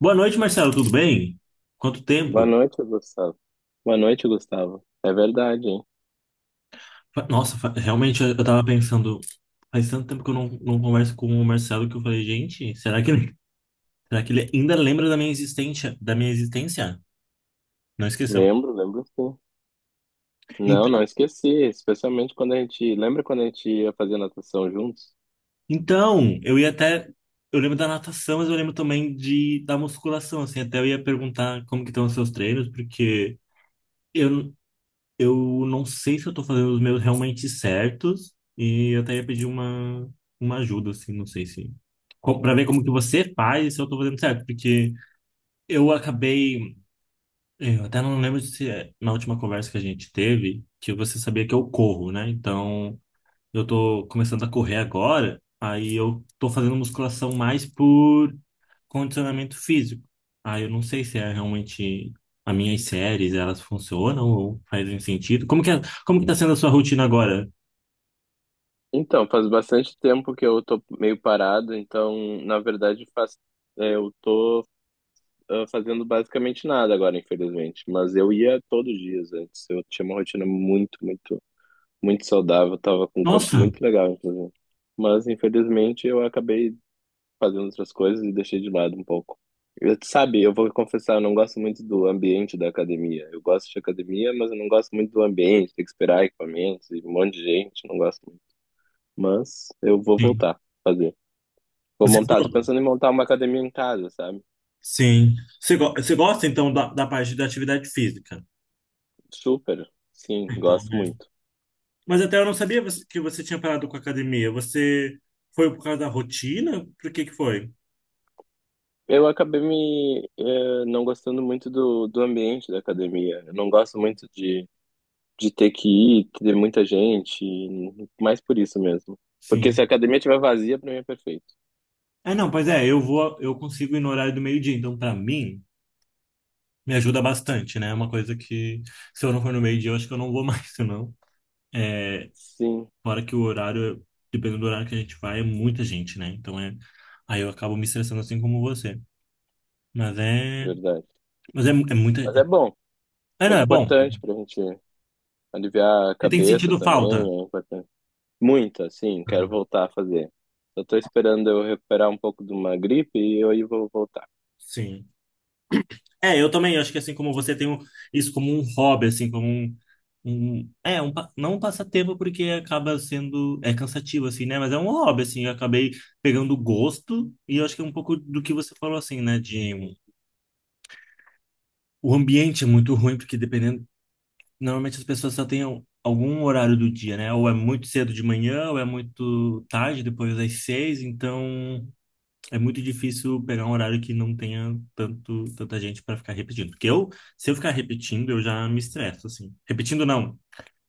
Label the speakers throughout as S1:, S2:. S1: Boa noite, Marcelo, tudo bem? Quanto
S2: Boa
S1: tempo?
S2: noite, Gustavo. Boa noite, Gustavo. É verdade, hein?
S1: Nossa, realmente eu tava pensando, faz tanto tempo que eu não converso com o Marcelo que eu falei, gente, será que ele ainda lembra da minha existência, Não esqueceu.
S2: Lembro, lembro sim.
S1: Ent-
S2: Não, não esqueci, especialmente quando a gente. Lembra quando a gente ia fazer natação juntos?
S1: Então, eu lembro da natação, mas eu lembro também de da musculação, assim, até eu ia perguntar como que estão os seus treinos, porque eu, eu não sei se eu tô fazendo os meus realmente certos e eu até ia pedir uma ajuda, assim, não sei se... Pra ver como que você faz e se eu tô fazendo certo, porque eu acabei... Eu até não lembro se é na última conversa que a gente teve que você sabia que eu corro, né? Então, eu tô começando a correr agora, aí eu tô fazendo musculação mais por condicionamento físico. Aí eu não sei se é realmente as minhas séries, elas funcionam ou fazem sentido. Como que tá sendo a sua rotina agora?
S2: Então, faz bastante tempo que eu tô meio parado, então, na verdade, faz, eu tô fazendo basicamente nada agora, infelizmente. Mas eu ia todos os dias antes. Eu tinha uma rotina muito, muito saudável, tava com um corpo
S1: Nossa,
S2: muito legal, inclusive. Mas, infelizmente, eu acabei fazendo outras coisas e deixei de lado um pouco. Eu, sabe, eu vou confessar, eu não gosto muito do ambiente da academia. Eu gosto de academia, mas eu não gosto muito do ambiente, tem que esperar equipamentos e um monte de gente, não gosto muito. Mas eu vou
S1: sim.
S2: voltar a fazer. Vou
S1: Você
S2: montar, tô
S1: falou.
S2: pensando em montar uma academia em casa, sabe?
S1: Sim. Você gosta então da parte da atividade física?
S2: Super, sim,
S1: Então,
S2: gosto
S1: né?
S2: muito.
S1: Mas até eu não sabia que você tinha parado com a academia. Você foi por causa da rotina? Por que que foi?
S2: Eu acabei me não gostando muito do ambiente da academia. Eu não gosto muito de ter que ir, ter muita gente, e mais por isso mesmo. Porque se a
S1: Sim.
S2: academia estiver vazia, para mim é perfeito.
S1: É, não, pois é, eu consigo ir no horário do meio-dia, então pra mim me ajuda bastante, né? É uma coisa que se eu não for no meio-dia, eu acho que eu não vou mais, senão. É,
S2: Sim,
S1: fora que o horário, dependendo do horário que a gente vai, é muita gente, né? Aí eu acabo me estressando assim como você. Mas é,
S2: verdade.
S1: É muita.
S2: Mas é bom,
S1: Não,
S2: muito
S1: é bom.
S2: importante para a gente aliviar a
S1: Você tem
S2: cabeça
S1: sentido
S2: também,
S1: falta.
S2: é importante. Muito, assim, quero
S1: Ah,
S2: voltar a fazer. Eu tô esperando eu recuperar um pouco de uma gripe e eu aí vou voltar.
S1: sim. É, eu também acho que assim como isso como um hobby, assim, como um- é, um, pa- não um passatempo porque acaba sendo, é cansativo, assim, né? Mas é um hobby, assim, eu acabei pegando gosto e eu acho que é um pouco do que você falou, assim, né? De o ambiente é muito ruim porque dependendo, normalmente as pessoas só têm algum horário do dia, né? Ou é muito cedo de manhã, ou é muito tarde, depois das seis, então é muito difícil pegar um horário que não tenha tanta gente para ficar repetindo. Porque eu, se eu ficar repetindo, eu já me estresso, assim. Repetindo não,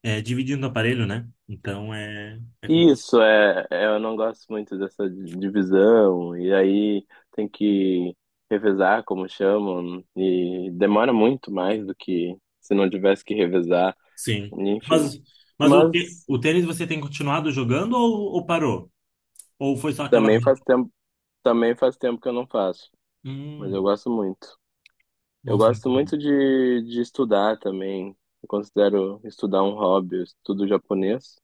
S1: é dividindo o aparelho, né? Então é complicado.
S2: Isso, é, é, eu não gosto muito dessa divisão, e aí tem que revezar, como chamam, e demora muito mais do que se não tivesse que revezar,
S1: Sim.
S2: enfim.
S1: Mas,
S2: Mas
S1: o tênis você tem continuado jogando, ou parou? Ou foi só aquela.
S2: também faz tempo, também faz tempo que eu não faço, mas eu
S1: Hum,
S2: gosto muito. Eu
S1: nossa, muito
S2: gosto
S1: bom.
S2: muito de estudar também, eu considero estudar um hobby, eu estudo japonês,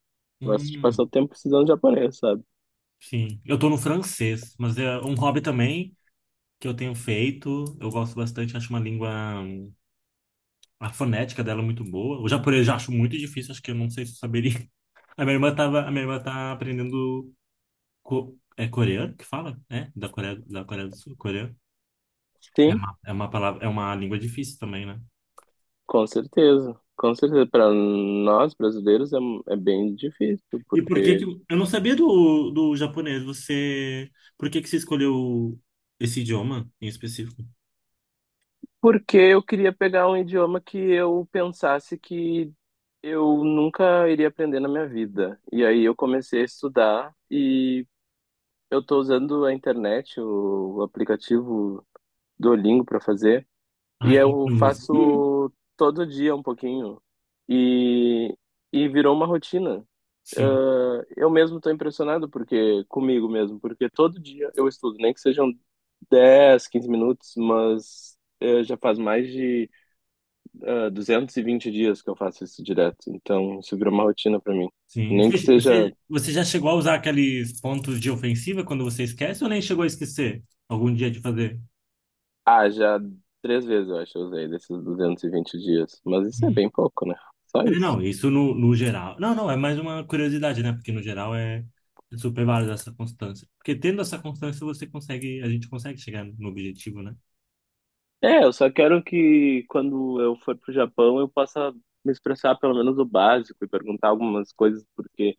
S2: gosto de
S1: Hum,
S2: passar o tempo estudando japonês, sabe?
S1: sim. Eu tô no francês, mas é um hobby também que eu tenho feito. Eu gosto bastante, acho uma língua. Hum, a fonética dela é muito boa. O japonês eu já acho muito difícil, acho que eu não sei se eu saberia. A minha irmã tá aprendendo é coreano que fala, né? Da Coreia, da Coreia do Sul, coreano.
S2: Sim.
S1: É uma palavra, é uma língua difícil também, né?
S2: Com certeza, com certeza. Para nós brasileiros é, é bem difícil,
S1: E por que que
S2: porque
S1: eu não sabia do japonês? Por que que você escolheu esse idioma em específico?
S2: porque eu queria pegar um idioma que eu pensasse que eu nunca iria aprender na minha vida. E aí eu comecei a estudar e eu estou usando a internet, o aplicativo Duolingo para fazer. E
S1: Ah, quem
S2: eu
S1: não usa?
S2: faço todo dia um pouquinho. E, e virou uma rotina.
S1: Sim,
S2: Ah, eu mesmo estou impressionado porque comigo mesmo, porque todo dia eu estudo, nem que sejam 10, 15 minutos, mas já faz mais de 220 dias que eu faço isso direto. Então, isso virou uma rotina para mim.
S1: sim.
S2: Nem que seja,
S1: Você já chegou a usar aqueles pontos de ofensiva quando você esquece ou nem chegou a esquecer algum dia de fazer?
S2: ah, já três vezes eu acho que eu usei desses 220 dias, mas isso é bem pouco, né? Só
S1: É,
S2: isso.
S1: não, isso no geral. Não, não, é mais uma curiosidade, né? Porque no geral é super válido essa constância. Porque tendo essa constância, a gente consegue chegar no objetivo, né?
S2: É, eu só quero que quando eu for pro Japão eu possa me expressar pelo menos o básico e perguntar algumas coisas, porque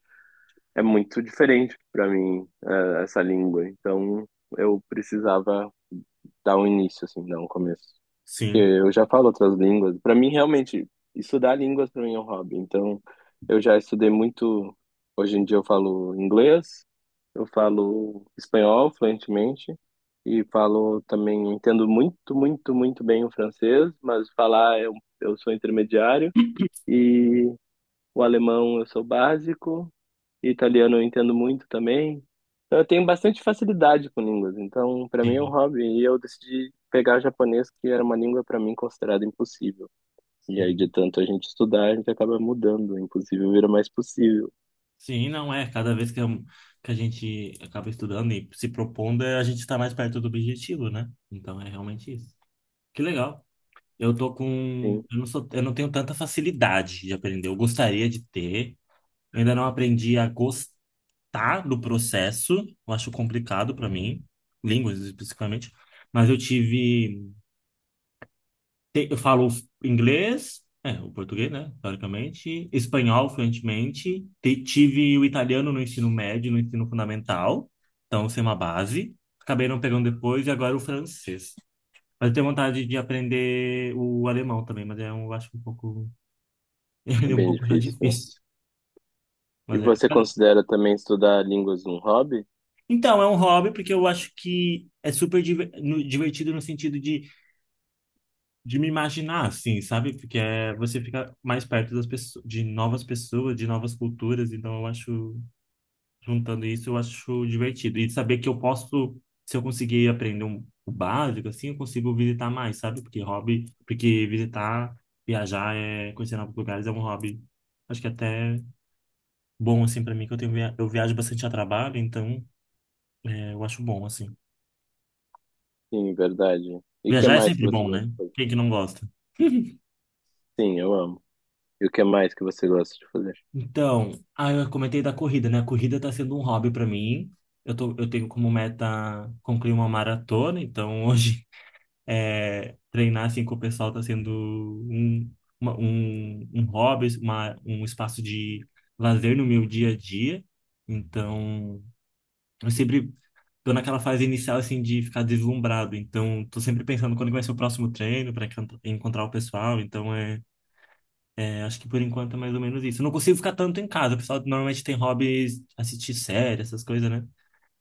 S2: é muito diferente para mim, essa língua. Então eu precisava dar um início, assim, dar um começo.
S1: Sim.
S2: Eu já falo outras línguas. Para mim, realmente, estudar línguas para mim é um hobby. Então, eu já estudei muito. Hoje em dia eu falo inglês, eu falo espanhol fluentemente e falo também, entendo muito, muito, muito bem o francês, mas falar eu sou intermediário e o alemão eu sou básico e italiano eu entendo muito também. Então, eu tenho bastante facilidade com línguas. Então, para mim é um
S1: Sim,
S2: hobby. E eu decidi pegar japonês, que era uma língua para mim considerada impossível. E aí, de
S1: sim.
S2: tanto a gente estudar, a gente acaba mudando. O impossível vira mais possível.
S1: Sim, não é. Cada vez que, eu- que a gente acaba estudando e se propondo, é, a gente está mais perto do objetivo, né? Então é realmente isso. Que legal. Eu tô com.
S2: Sim,
S1: Eu não sou, eu não tenho tanta facilidade de aprender. Eu gostaria de ter. Eu ainda não aprendi a gostar tá do processo, eu acho complicado para mim, línguas especificamente, mas eu falo inglês, é, o português, né, teoricamente, espanhol fluentemente, tive o italiano no ensino médio, no ensino fundamental, então isso é uma base, acabei não pegando depois e agora o francês. Mas eu tenho vontade de aprender o alemão também, mas eu acho um pouco,
S2: é
S1: ele é um
S2: bem
S1: pouco já
S2: difícil.
S1: difícil,
S2: E
S1: mas é
S2: você considera também estudar línguas um hobby?
S1: então, é um hobby porque eu acho que é super divertido no sentido de me imaginar assim, sabe? Porque é, você fica mais perto das pessoas, de novas culturas, então eu acho, juntando isso, eu acho divertido. E saber que eu posso, se eu conseguir aprender o básico, assim, eu consigo visitar mais, sabe? Porque hobby, porque visitar, viajar, é, conhecer novos lugares é um hobby, acho que é até bom, assim, pra mim, que eu tenho, eu viajo bastante a trabalho, então é, eu acho bom, assim.
S2: Sim, verdade. E o que
S1: Viajar é
S2: mais que
S1: sempre
S2: você
S1: bom,
S2: gosta
S1: né?
S2: de fazer?
S1: Quem que não gosta?
S2: Sim, eu amo. E o que mais que você gosta de fazer?
S1: Então, ah, eu comentei da corrida, né? A corrida tá sendo um hobby para mim. Eu tenho como meta concluir uma maratona, então hoje é, treinar assim com o pessoal tá sendo um, um hobby, um espaço de lazer no meu dia a dia. Então, eu sempre tô naquela fase inicial assim de ficar deslumbrado, então tô sempre pensando quando que vai ser o próximo treino para encontrar o pessoal, então acho que por enquanto é mais ou menos isso. Eu não consigo ficar tanto em casa. O pessoal normalmente tem hobbies, assistir série, essas coisas, né?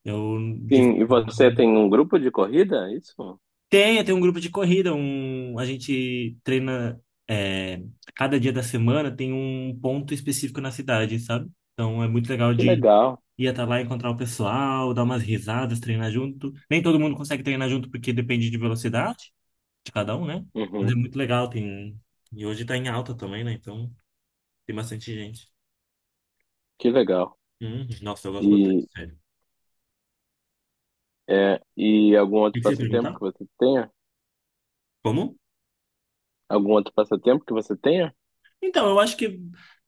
S1: Eu de-
S2: Sim, e você tem um grupo de corrida? É isso?
S1: Tem, tem um grupo de corrida, a gente treina é, cada dia da semana tem um ponto específico na cidade, sabe? Então é muito legal
S2: Que
S1: de
S2: legal.
S1: ir até lá encontrar o pessoal, dar umas risadas, treinar junto. Nem todo mundo consegue treinar junto porque depende de velocidade de cada um, né? Mas é
S2: Uhum,
S1: muito legal, tem e hoje tá em alta também, né? Então tem bastante gente.
S2: que legal.
S1: Nossa, eu gosto bastante,
S2: E,
S1: sério. O
S2: É, e algum
S1: que
S2: outro
S1: que você ia
S2: passatempo
S1: perguntar?
S2: que você tenha?
S1: Como?
S2: Algum outro passatempo que você tenha?
S1: Então, eu acho que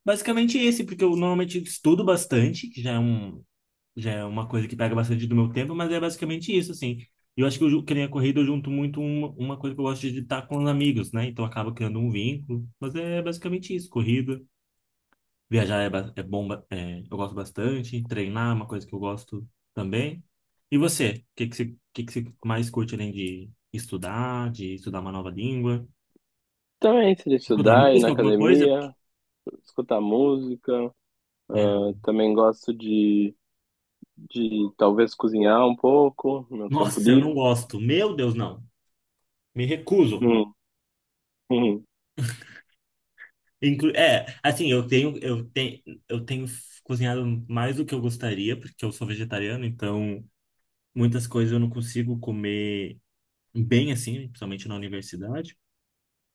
S1: basicamente esse, porque eu normalmente estudo bastante, que já é uma coisa que pega bastante do meu tempo, mas é basicamente isso, assim. E eu acho que nem a corrida eu junto muito uma coisa que eu gosto de estar com os amigos, né? Então acaba criando um vínculo, mas é basicamente isso, corrida. Viajar é eu gosto bastante, treinar é uma coisa que eu gosto também. E você? O que que você mais curte além de estudar uma nova língua?
S2: Também, se de
S1: Escutar
S2: estudar, ir na
S1: música, alguma coisa?
S2: academia, escutar música. Ah,
S1: É, não.
S2: também gosto de talvez cozinhar um pouco, no meu tempo
S1: Nossa, eu
S2: livre.
S1: não gosto. Meu Deus, não. Me recuso.
S2: Hum, hum.
S1: Eu tenho, eu tenho, eu tenho cozinhado mais do que eu gostaria, porque eu sou vegetariano, então muitas coisas eu não consigo comer bem assim, principalmente na universidade,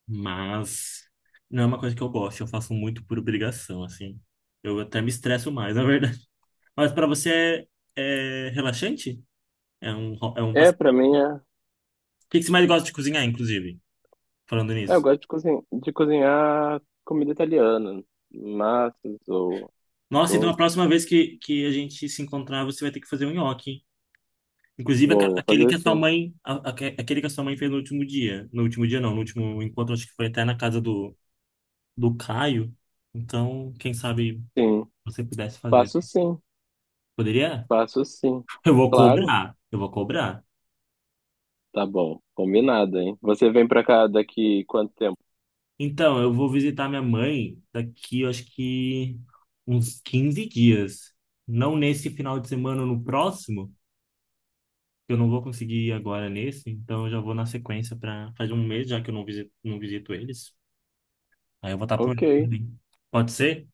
S1: mas não é uma coisa que eu gosto, eu faço muito por obrigação, assim. Eu até me estresso mais, na verdade. Mas para você é relaxante? É um
S2: É, pra
S1: passatempo.
S2: mim, é,
S1: O que que você mais gosta de cozinhar, inclusive? Falando
S2: é, eu
S1: nisso.
S2: gosto de, cozin de cozinhar comida italiana, massas ou
S1: Nossa, então a
S2: outros.
S1: próxima vez que a gente se encontrar, você vai ter que fazer um nhoque. Inclusive
S2: Vou fazer sim.
S1: aquele que a sua mãe fez no último dia. No último dia não, no último encontro, acho que foi até na casa do Caio. Então, quem sabe
S2: Sim,
S1: você pudesse fazer.
S2: faço sim,
S1: Poderia?
S2: faço sim. Claro.
S1: Eu vou cobrar.
S2: Tá bom, combinado, hein? Você vem pra cá daqui quanto tempo?
S1: Então, eu vou visitar minha mãe daqui, eu acho que uns 15 dias. Não nesse final de semana, no próximo. Eu não vou conseguir ir agora nesse, então eu já vou na sequência para faz um mês já que eu não visito, não visito eles. Aí eu vou estar por
S2: Ok.
S1: ali. Pode ser?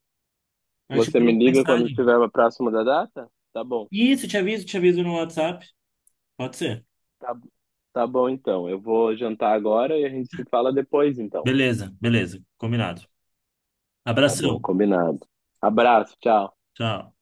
S1: Aí eu te
S2: Você
S1: mando
S2: me
S1: uma
S2: liga quando
S1: mensagem.
S2: estiver próximo da data? Tá bom.
S1: Isso, te aviso no WhatsApp. Pode ser.
S2: Tá, tá bom, então. Eu vou jantar agora e a gente se fala depois, então.
S1: Beleza, beleza. Combinado.
S2: Tá
S1: Abração.
S2: bom, combinado. Abraço, tchau.
S1: Tchau.